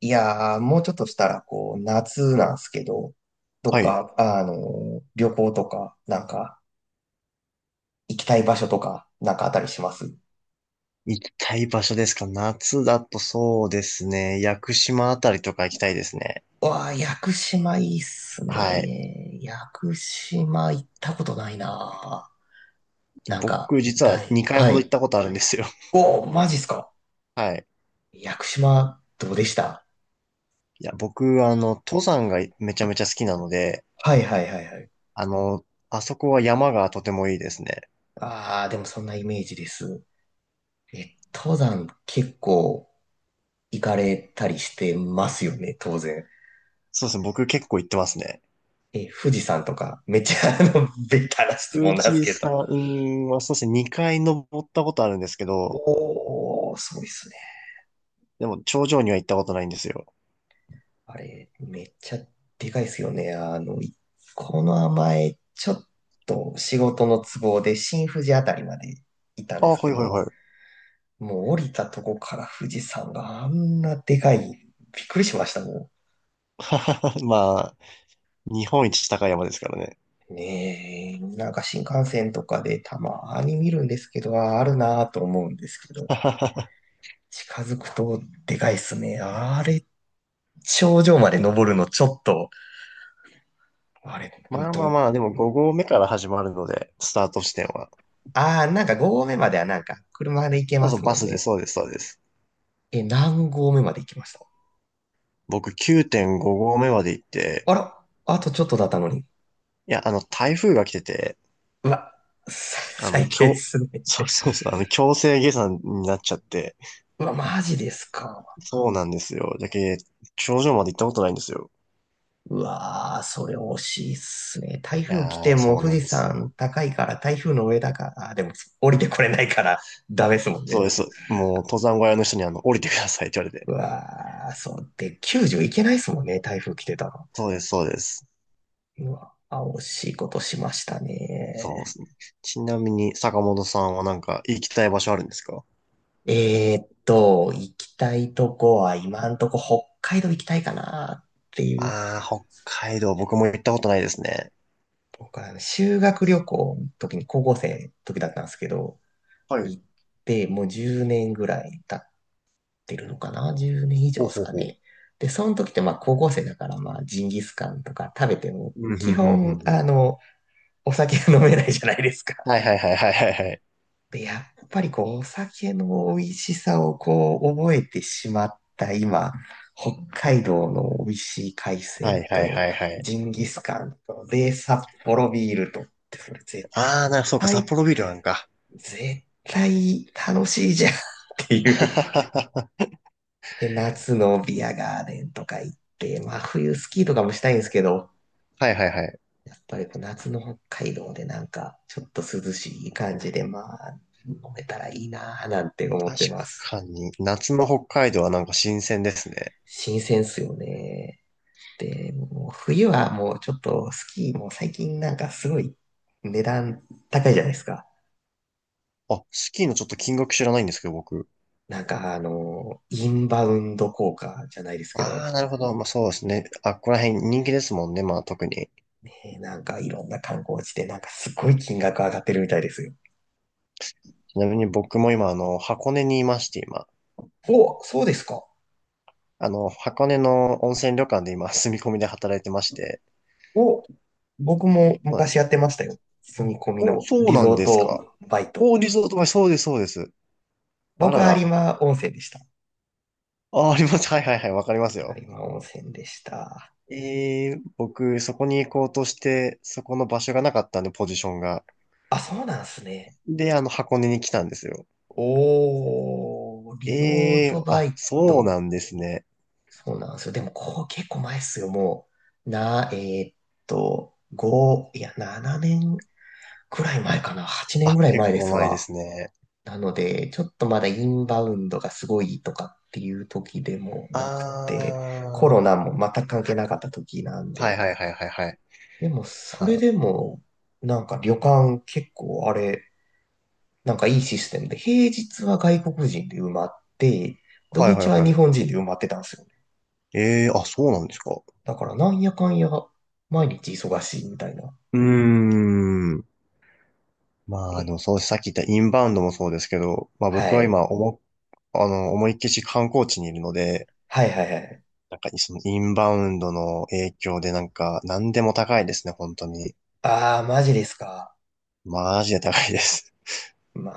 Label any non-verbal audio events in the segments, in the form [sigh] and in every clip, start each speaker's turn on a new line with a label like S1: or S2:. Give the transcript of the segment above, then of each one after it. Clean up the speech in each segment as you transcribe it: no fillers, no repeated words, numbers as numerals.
S1: いやー、もうちょっとしたら、こう、夏なんですけど、どっ
S2: はい。
S1: か、あの旅行とか、なんか、行きたい場所とか、なんかあったりしますう？
S2: 行きたい場所ですか？夏だと、そうですね。屋久島あたりとか行きたいですね。
S1: わあ、屋久島いいっす
S2: はい。
S1: ね。屋久島行ったことないな。なんか、
S2: 僕、実は
S1: 大、
S2: 2回
S1: は
S2: ほど行っ
S1: い。
S2: たことあるんですよ。
S1: おー、マジっすか。
S2: [laughs] はい。
S1: 屋久島、どうでした？
S2: いや、僕、登山がめちゃめちゃ好きなので、
S1: はいはいはいはい。
S2: あの、あそこは山がとてもいいですね。
S1: ああ、でもそんなイメージです。え、登山結構行かれたりしてますよね、当然。
S2: そうですね。僕結構行ってますね。
S1: え、富士山とか、めっちゃ[laughs] ベタな質問
S2: 富
S1: なんです
S2: 士
S1: けど。
S2: 山はそうですね。2回登ったことあるんですけど、
S1: おー、すごいっすね。
S2: でも頂上には行ったことないんですよ。
S1: あれ、めっちゃでかいっすよね。この前、ちょっと仕事の都合で新富士あたりまで行ったん
S2: あ、
S1: です
S2: は
S1: け
S2: い
S1: ど、
S2: はい
S1: もう降りたとこから富士山があんなでかい、びっくりしましたも
S2: はい。[laughs] まあ、日本一高い山ですからね。
S1: ん。ねえ、なんか新幹線とかでたまに見るんですけど、ああるなぁと思うんですけど、
S2: [laughs]
S1: 近づくとでかいっすね。あれ、頂上まで登るのちょっと、あれ、ほん
S2: まあ
S1: と、
S2: まあまあ、でも5合目から始まるので、スタート地点は。
S1: あーなんか5合目まではなんか車で行け
S2: そう
S1: ま
S2: そう、
S1: す
S2: バ
S1: もん
S2: スで、
S1: ね。
S2: そうです、そうです。
S1: え、何合目まで行きました？
S2: 僕9.5合目まで行って、
S1: あら、あとちょっとだったのに。
S2: いや、台風が来てて、
S1: うわ、さ
S2: あの、
S1: 最低っ
S2: 強、
S1: すね。
S2: そう
S1: [laughs]
S2: そうそう、強制下山になっちゃって、
S1: うわ、マジですか。
S2: そうなんですよ。頂上まで行ったことないんですよ。
S1: うわー、それ惜しいっすね。台
S2: い
S1: 風来て
S2: やー、
S1: も
S2: そう
S1: 富
S2: な
S1: 士
S2: んです
S1: 山
S2: よ。
S1: 高いから台風の上だから、あでも降りてこれないからダメっすもん
S2: そう
S1: ね。
S2: です。もう、登山小屋の人に降りてくださいって言われて。
S1: うわー、そうで、90いけないっすもんね、台風来てたら。
S2: そうです、そうです。
S1: うわ、あ、惜しいことしました
S2: そうで
S1: ね。
S2: すね。ちなみに、坂本さんはなんか行きたい場所あるんですか？
S1: 行きたいとこは今んとこ北海道行きたいかなっていう。
S2: ああ、北海道、僕も行ったことないですね。
S1: 僕はあの修学旅行の時に高校生の時だったんですけど、
S2: はい。
S1: 行ってもう10年ぐらい経ってるのかな ?10 年以上
S2: ほう
S1: です
S2: ほう
S1: か
S2: ほう。
S1: ね。で、その時ってまあ高校生だからまあジンギスカンとか食べても
S2: うん、うん、う
S1: 基
S2: ん、
S1: 本
S2: うん。ん。
S1: お酒が飲めないじゃないですか。
S2: はいはいはいはいはいはい。
S1: で、やっぱりこう、お酒の美味しさをこう、覚えてしまった今、北海道の美味しい海
S2: は
S1: 鮮
S2: いはい
S1: と、
S2: はいは
S1: ジ
S2: い。
S1: ンギスカンと、で、札幌ビールとって、それ絶
S2: ああ、そうか、札
S1: 対、
S2: 幌ビールなんか。
S1: 絶対楽しいじゃんっていう。[laughs]
S2: [laughs]
S1: で、夏のビアガーデンとか行って、まあ冬スキーとかもしたいんですけど、
S2: はいはいはい。
S1: やっぱりこう夏の北海道でなんか、ちょっと涼しい感じで、まあ、飲めたらいいなぁなんて思っ
S2: 確
S1: てます。
S2: かに、夏の北海道はなんか新鮮ですね。
S1: 新鮮っすよね。で、もう冬はもうちょっとスキーも最近なんかすごい値段高いじゃないですか。
S2: あ、スキーのちょっと金額知らないんですけど、僕。
S1: なんかインバウンド効果じゃないですけど、
S2: ああ、なるほど。まあそうですね。あ、ここら辺人気ですもんね、まあ特に。
S1: なんかいろんな観光地でなんかすごい金額上がってるみたいですよ。
S2: ちなみに僕も今、箱根にいまして、今。
S1: お、そうですか。
S2: 箱根の温泉旅館で今、住み込みで働いてまして。
S1: お、僕も
S2: そうで
S1: 昔や
S2: す。
S1: ってましたよ。住み込み
S2: お、
S1: の
S2: そう
S1: リ
S2: な
S1: ゾ
S2: ん
S1: ー
S2: です
S1: ト
S2: か。
S1: バイト。
S2: お、リゾートバイ、そうです、そうです。あ
S1: 僕
S2: ら
S1: は有
S2: ら。
S1: 馬温泉でした。
S2: あ、あります。はいはいはい、わかります
S1: 有
S2: よ。
S1: 馬温泉でした。
S2: 僕、そこに行こうとして、そこの場所がなかったんで、ポジションが。
S1: あ、そうなんすね。
S2: で、箱根に来たんですよ。
S1: おー、リゾートバ
S2: あ、
S1: イ
S2: そう
S1: ト。
S2: なんですね。
S1: そうなんですよ。でも、こう結構前っすよ。もう、な、えーっと、5、いや、7年くらい前かな。8年ぐ
S2: あ、
S1: らい前
S2: 結
S1: で
S2: 構
S1: す
S2: 前で
S1: わ。
S2: すね。
S1: なので、ちょっとまだインバウンドがすごいとかっていう時でも
S2: あ
S1: なくて、コロ
S2: ー、
S1: ナも全く関係なかった時なん
S2: はい
S1: で。
S2: はいはいはいはい。
S1: でも、それ
S2: あ、
S1: でも、なんか旅館結構あれ、なんかいいシステムで、平日は外国人で埋まって、土
S2: はいはい
S1: 日は
S2: は
S1: 日
S2: い。
S1: 本人で埋まってたんですよね。
S2: あ、そうなんですか。
S1: だからなんやかんや、毎日忙しいみたいな。
S2: うーん。まあ、でも
S1: え、
S2: そう、さっき言ったインバウンドもそうですけど、まあ僕
S1: は
S2: は
S1: い。
S2: 今、おも、あの、思いっきし観光地にいるので、
S1: はいはいはい。
S2: なんかそのインバウンドの影響でなんか何でも高いですね、本当に。
S1: ああ、マジですか。
S2: マジで高いです。
S1: ま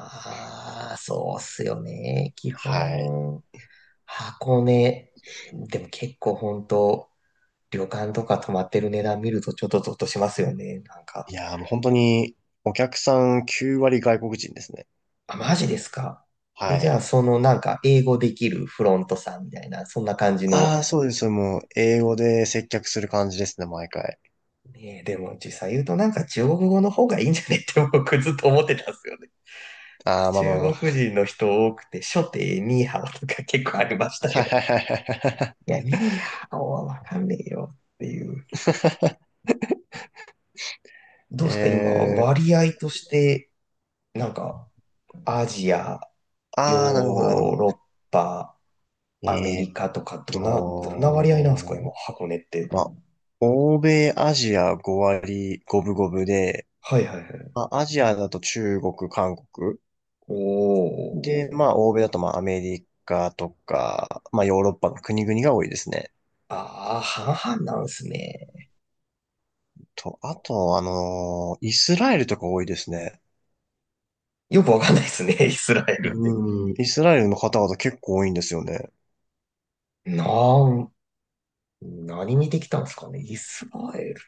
S1: あ、そうっすよね。基
S2: [laughs] はい。
S1: 本、箱根、でも結構本当、旅館とか泊まってる値段見るとちょっとゾッとしますよね。なん
S2: い
S1: か、
S2: やー、もう本当にお客さん9割外国人ですね。
S1: あ、マジですか。え、
S2: は
S1: じゃ
S2: い。
S1: あ、そのなんか、英語できるフロントさんみたいな、そんな感じの？
S2: ああ、そうです。もう英語で接客する感じですね、毎回。
S1: ねえ、でも実際言うとなんか中国語の方がいいんじゃねって僕ずっと思ってたんですよね。
S2: ああ、まあまあ
S1: [laughs]
S2: ま
S1: 中国
S2: あ。
S1: 人の人多くて、初手ニーハオとか結構ありまし
S2: [laughs]
S1: た
S2: はい
S1: よ。
S2: はいはいはいは
S1: [laughs] いや、ニーハオはわかんねえよっていう。ど
S2: い。
S1: うですか、今、割合として、なんか、アジア、ヨ
S2: ああ、なるほど、なるほ
S1: ー
S2: ど。
S1: ロッパ、アメ
S2: えーっ
S1: リカとか、どんな割合なんですか、今、
S2: と、
S1: 箱根って？
S2: まあ、欧米、アジア5割5分5分で、
S1: はいはいはい。
S2: まあ、アジアだと中国、韓国。
S1: お
S2: で、まあ、
S1: ー。
S2: 欧米だとまあ、アメリカとか、まあ、ヨーロッパの国々が多いですね。
S1: ああ、半々なんですね。
S2: と、あと、イスラエルとか多いですね。
S1: よくわかんないですね、イスラエルって。
S2: うん、イスラエルの方々結構多いんですよね。
S1: なん、何見てきたんですかね。イスラエル。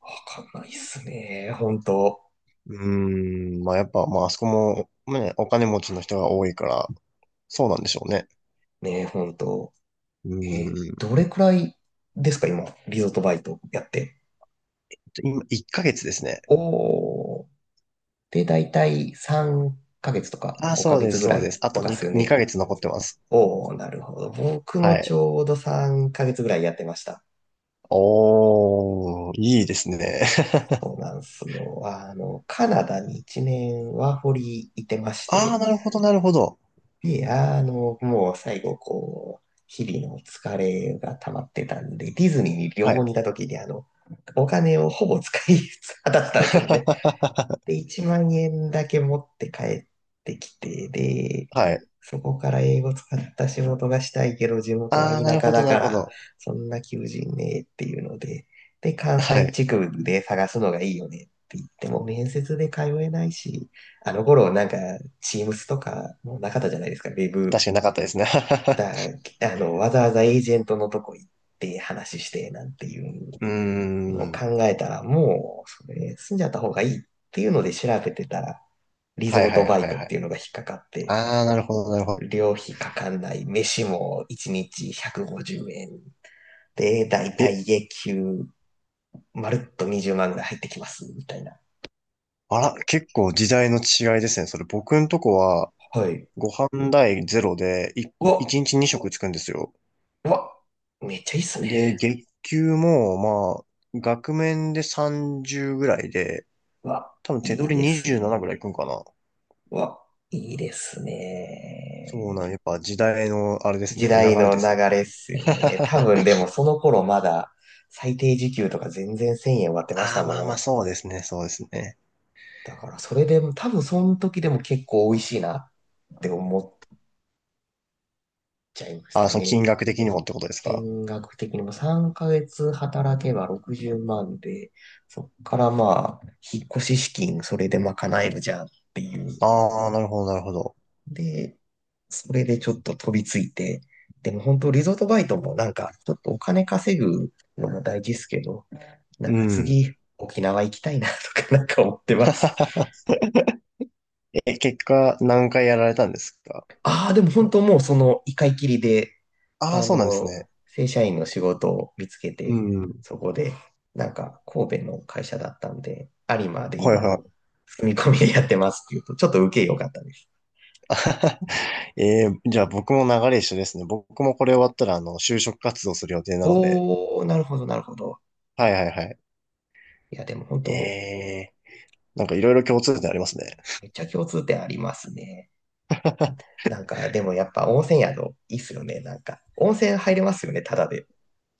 S1: わかんないっすね。本当。
S2: うーん、まあ、やっぱ、まあ、あそこも、まあね、お金持ちの人が多いから、そうなんでしょうね。
S1: ね、本当。
S2: う
S1: え
S2: ーん、
S1: どれくらいですか、今、リゾートバイトやって？
S2: 今、1ヶ月ですね。
S1: おー。で、だいたい3ヶ月とか
S2: あ、
S1: 5
S2: そう
S1: ヶ
S2: で
S1: 月
S2: す、
S1: ぐ
S2: そう
S1: ら
S2: で
S1: い
S2: す。あ
S1: と
S2: と
S1: かっすよ
S2: 2
S1: ね。
S2: ヶ月残ってます。
S1: おー、なるほど。僕も
S2: は
S1: ち
S2: い。
S1: ょうど3ヶ月ぐらいやってました。
S2: おー、いいですね。[laughs]
S1: そうなんすよ。カナダに1年ワーホリいてまし
S2: あ
S1: て、
S2: あ、なるほど、なるほど。
S1: で、もう最後、こう、日々の疲れが溜まってたんで、ディズニーに旅
S2: は
S1: 行
S2: い。
S1: に行った時に、お金をほぼ使い果たしたんですよね。
S2: [laughs]
S1: で、1万円だけ持って帰ってきて、で、
S2: はい。
S1: そこから英語使った仕事がしたいけど、地元は
S2: ああ、な
S1: 田
S2: る
S1: 舎
S2: ほど、
S1: だ
S2: なる
S1: か
S2: ほ
S1: ら、
S2: ど。
S1: そんな求人ねえっていうので、で、関
S2: は
S1: 西
S2: い。
S1: 地区で探すのがいいよねって言っても、面接で通えないし、あの頃なんか、チームスとかもうなかったじゃないですか、ウェブ
S2: 確かになかったですね。[laughs]
S1: だ、わざわざエージェントのとこ行って話してなんていう
S2: うー
S1: のを
S2: ん。
S1: 考えたら、もう、それ、住んじゃった方がいいっていうので調べてたら、リゾ
S2: はい
S1: ー
S2: はい
S1: トバ
S2: は
S1: イ
S2: い
S1: トっ
S2: は
S1: ていう
S2: い。
S1: のが引っかかって、
S2: ああ、なるほど、なるほど。
S1: 料費かかんない、飯も1日150円で、だいた
S2: え、
S1: い月給、まるっと20万ぐらい入ってきます、みたいな。
S2: あら、結構時代の違いですね。それ僕んとこは、
S1: はい。
S2: ご飯代ゼロで、
S1: うわ、
S2: 1日2食つくんですよ。
S1: うわ、めっちゃいいっすね。
S2: で、月給も、まあ、額面で30ぐらいで、
S1: うわ、
S2: 多分手
S1: い
S2: 取
S1: い
S2: り
S1: ですね。
S2: 27ぐらいいくんかな。
S1: うわ、いいですね。
S2: やっぱ時代のあれです
S1: 時
S2: ね、流
S1: 代
S2: れ
S1: の
S2: で
S1: 流
S2: すね。
S1: れっすよね。多分
S2: [laughs]
S1: でもその頃まだ最低時給とか全然1000円割ってまし
S2: あ
S1: た
S2: あ、まあまあ、
S1: もん。
S2: そうですね、そうですね。
S1: だからそれでも多分その時でも結構美味しいなって思っちゃいまし
S2: ああ、
S1: た
S2: その
S1: ね。
S2: 金額的にもってことですか？
S1: 金額的にも3ヶ月働けば60万で、そっからまあ、引っ越し資金それで賄えるじゃんっていう。
S2: ああ、なるほど、なるほど。
S1: で、それでちょっと飛びついて、でも本当リゾートバイトもなんか、ちょっとお金稼ぐのも大事ですけど、なん
S2: う
S1: か
S2: ん。
S1: 次、沖縄行きたいなとかなんか思ってます。
S2: [laughs] え、結果、何回やられたんですか？
S1: ああ、でも本当もうその一回きりで、
S2: ああ、
S1: あ
S2: そうなんです
S1: の、
S2: ね。
S1: 正社員の仕事を見つけ
S2: う
S1: て、
S2: ん。
S1: そこで、なんか神戸の会社だったんで、有馬で
S2: はい
S1: 今、
S2: は
S1: 住み込みでやってますっていうと、ちょっと受け良かったです。
S2: い。[laughs] じゃあ僕も流れ一緒ですね。僕もこれ終わったら、就職活動する予定なので。
S1: おー、なるほど、なるほど。
S2: はいはいはい。
S1: いや、でも本当、
S2: えなんかいろいろ共通点ありますね。
S1: めっちゃ共通点ありますね。なんか、でもやっぱ温泉宿、いいっすよね、なんか。温泉入れますよね、ただで。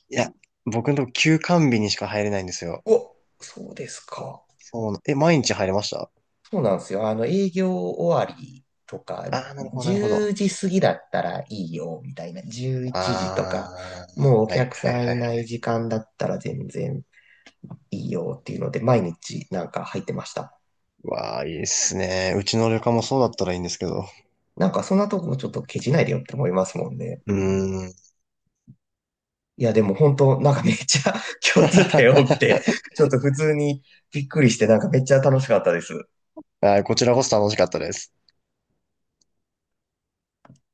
S2: いや、僕のとこ休館日にしか入れないんですよ。
S1: お、そうですか。
S2: そうな、え、毎日入れました？
S1: そうなんですよ。営業終わりとか、
S2: ああ、なるほど、なるほ
S1: 10
S2: ど。
S1: 時過ぎだったらいいよ、みたいな。11
S2: あ
S1: 時と
S2: あ、
S1: か、もうお
S2: はい
S1: 客
S2: は
S1: さ
S2: い
S1: ん
S2: はいは
S1: いない
S2: い。
S1: 時間だったら全然いいよっていうので、毎日なんか入ってました。
S2: わあ、いいっすね。うちの旅館もそうだったらいいんですけど。
S1: なんかそんなとこちょっとケチないでよって思いますもんね。
S2: うーん。
S1: いや、でも本当なんかめっちゃ [laughs] 共通点多くて、
S2: [laughs]
S1: ちょっと普通にびっくりして、なんかめっちゃ楽しかったです。
S2: はい、こちらこそ楽しかったです。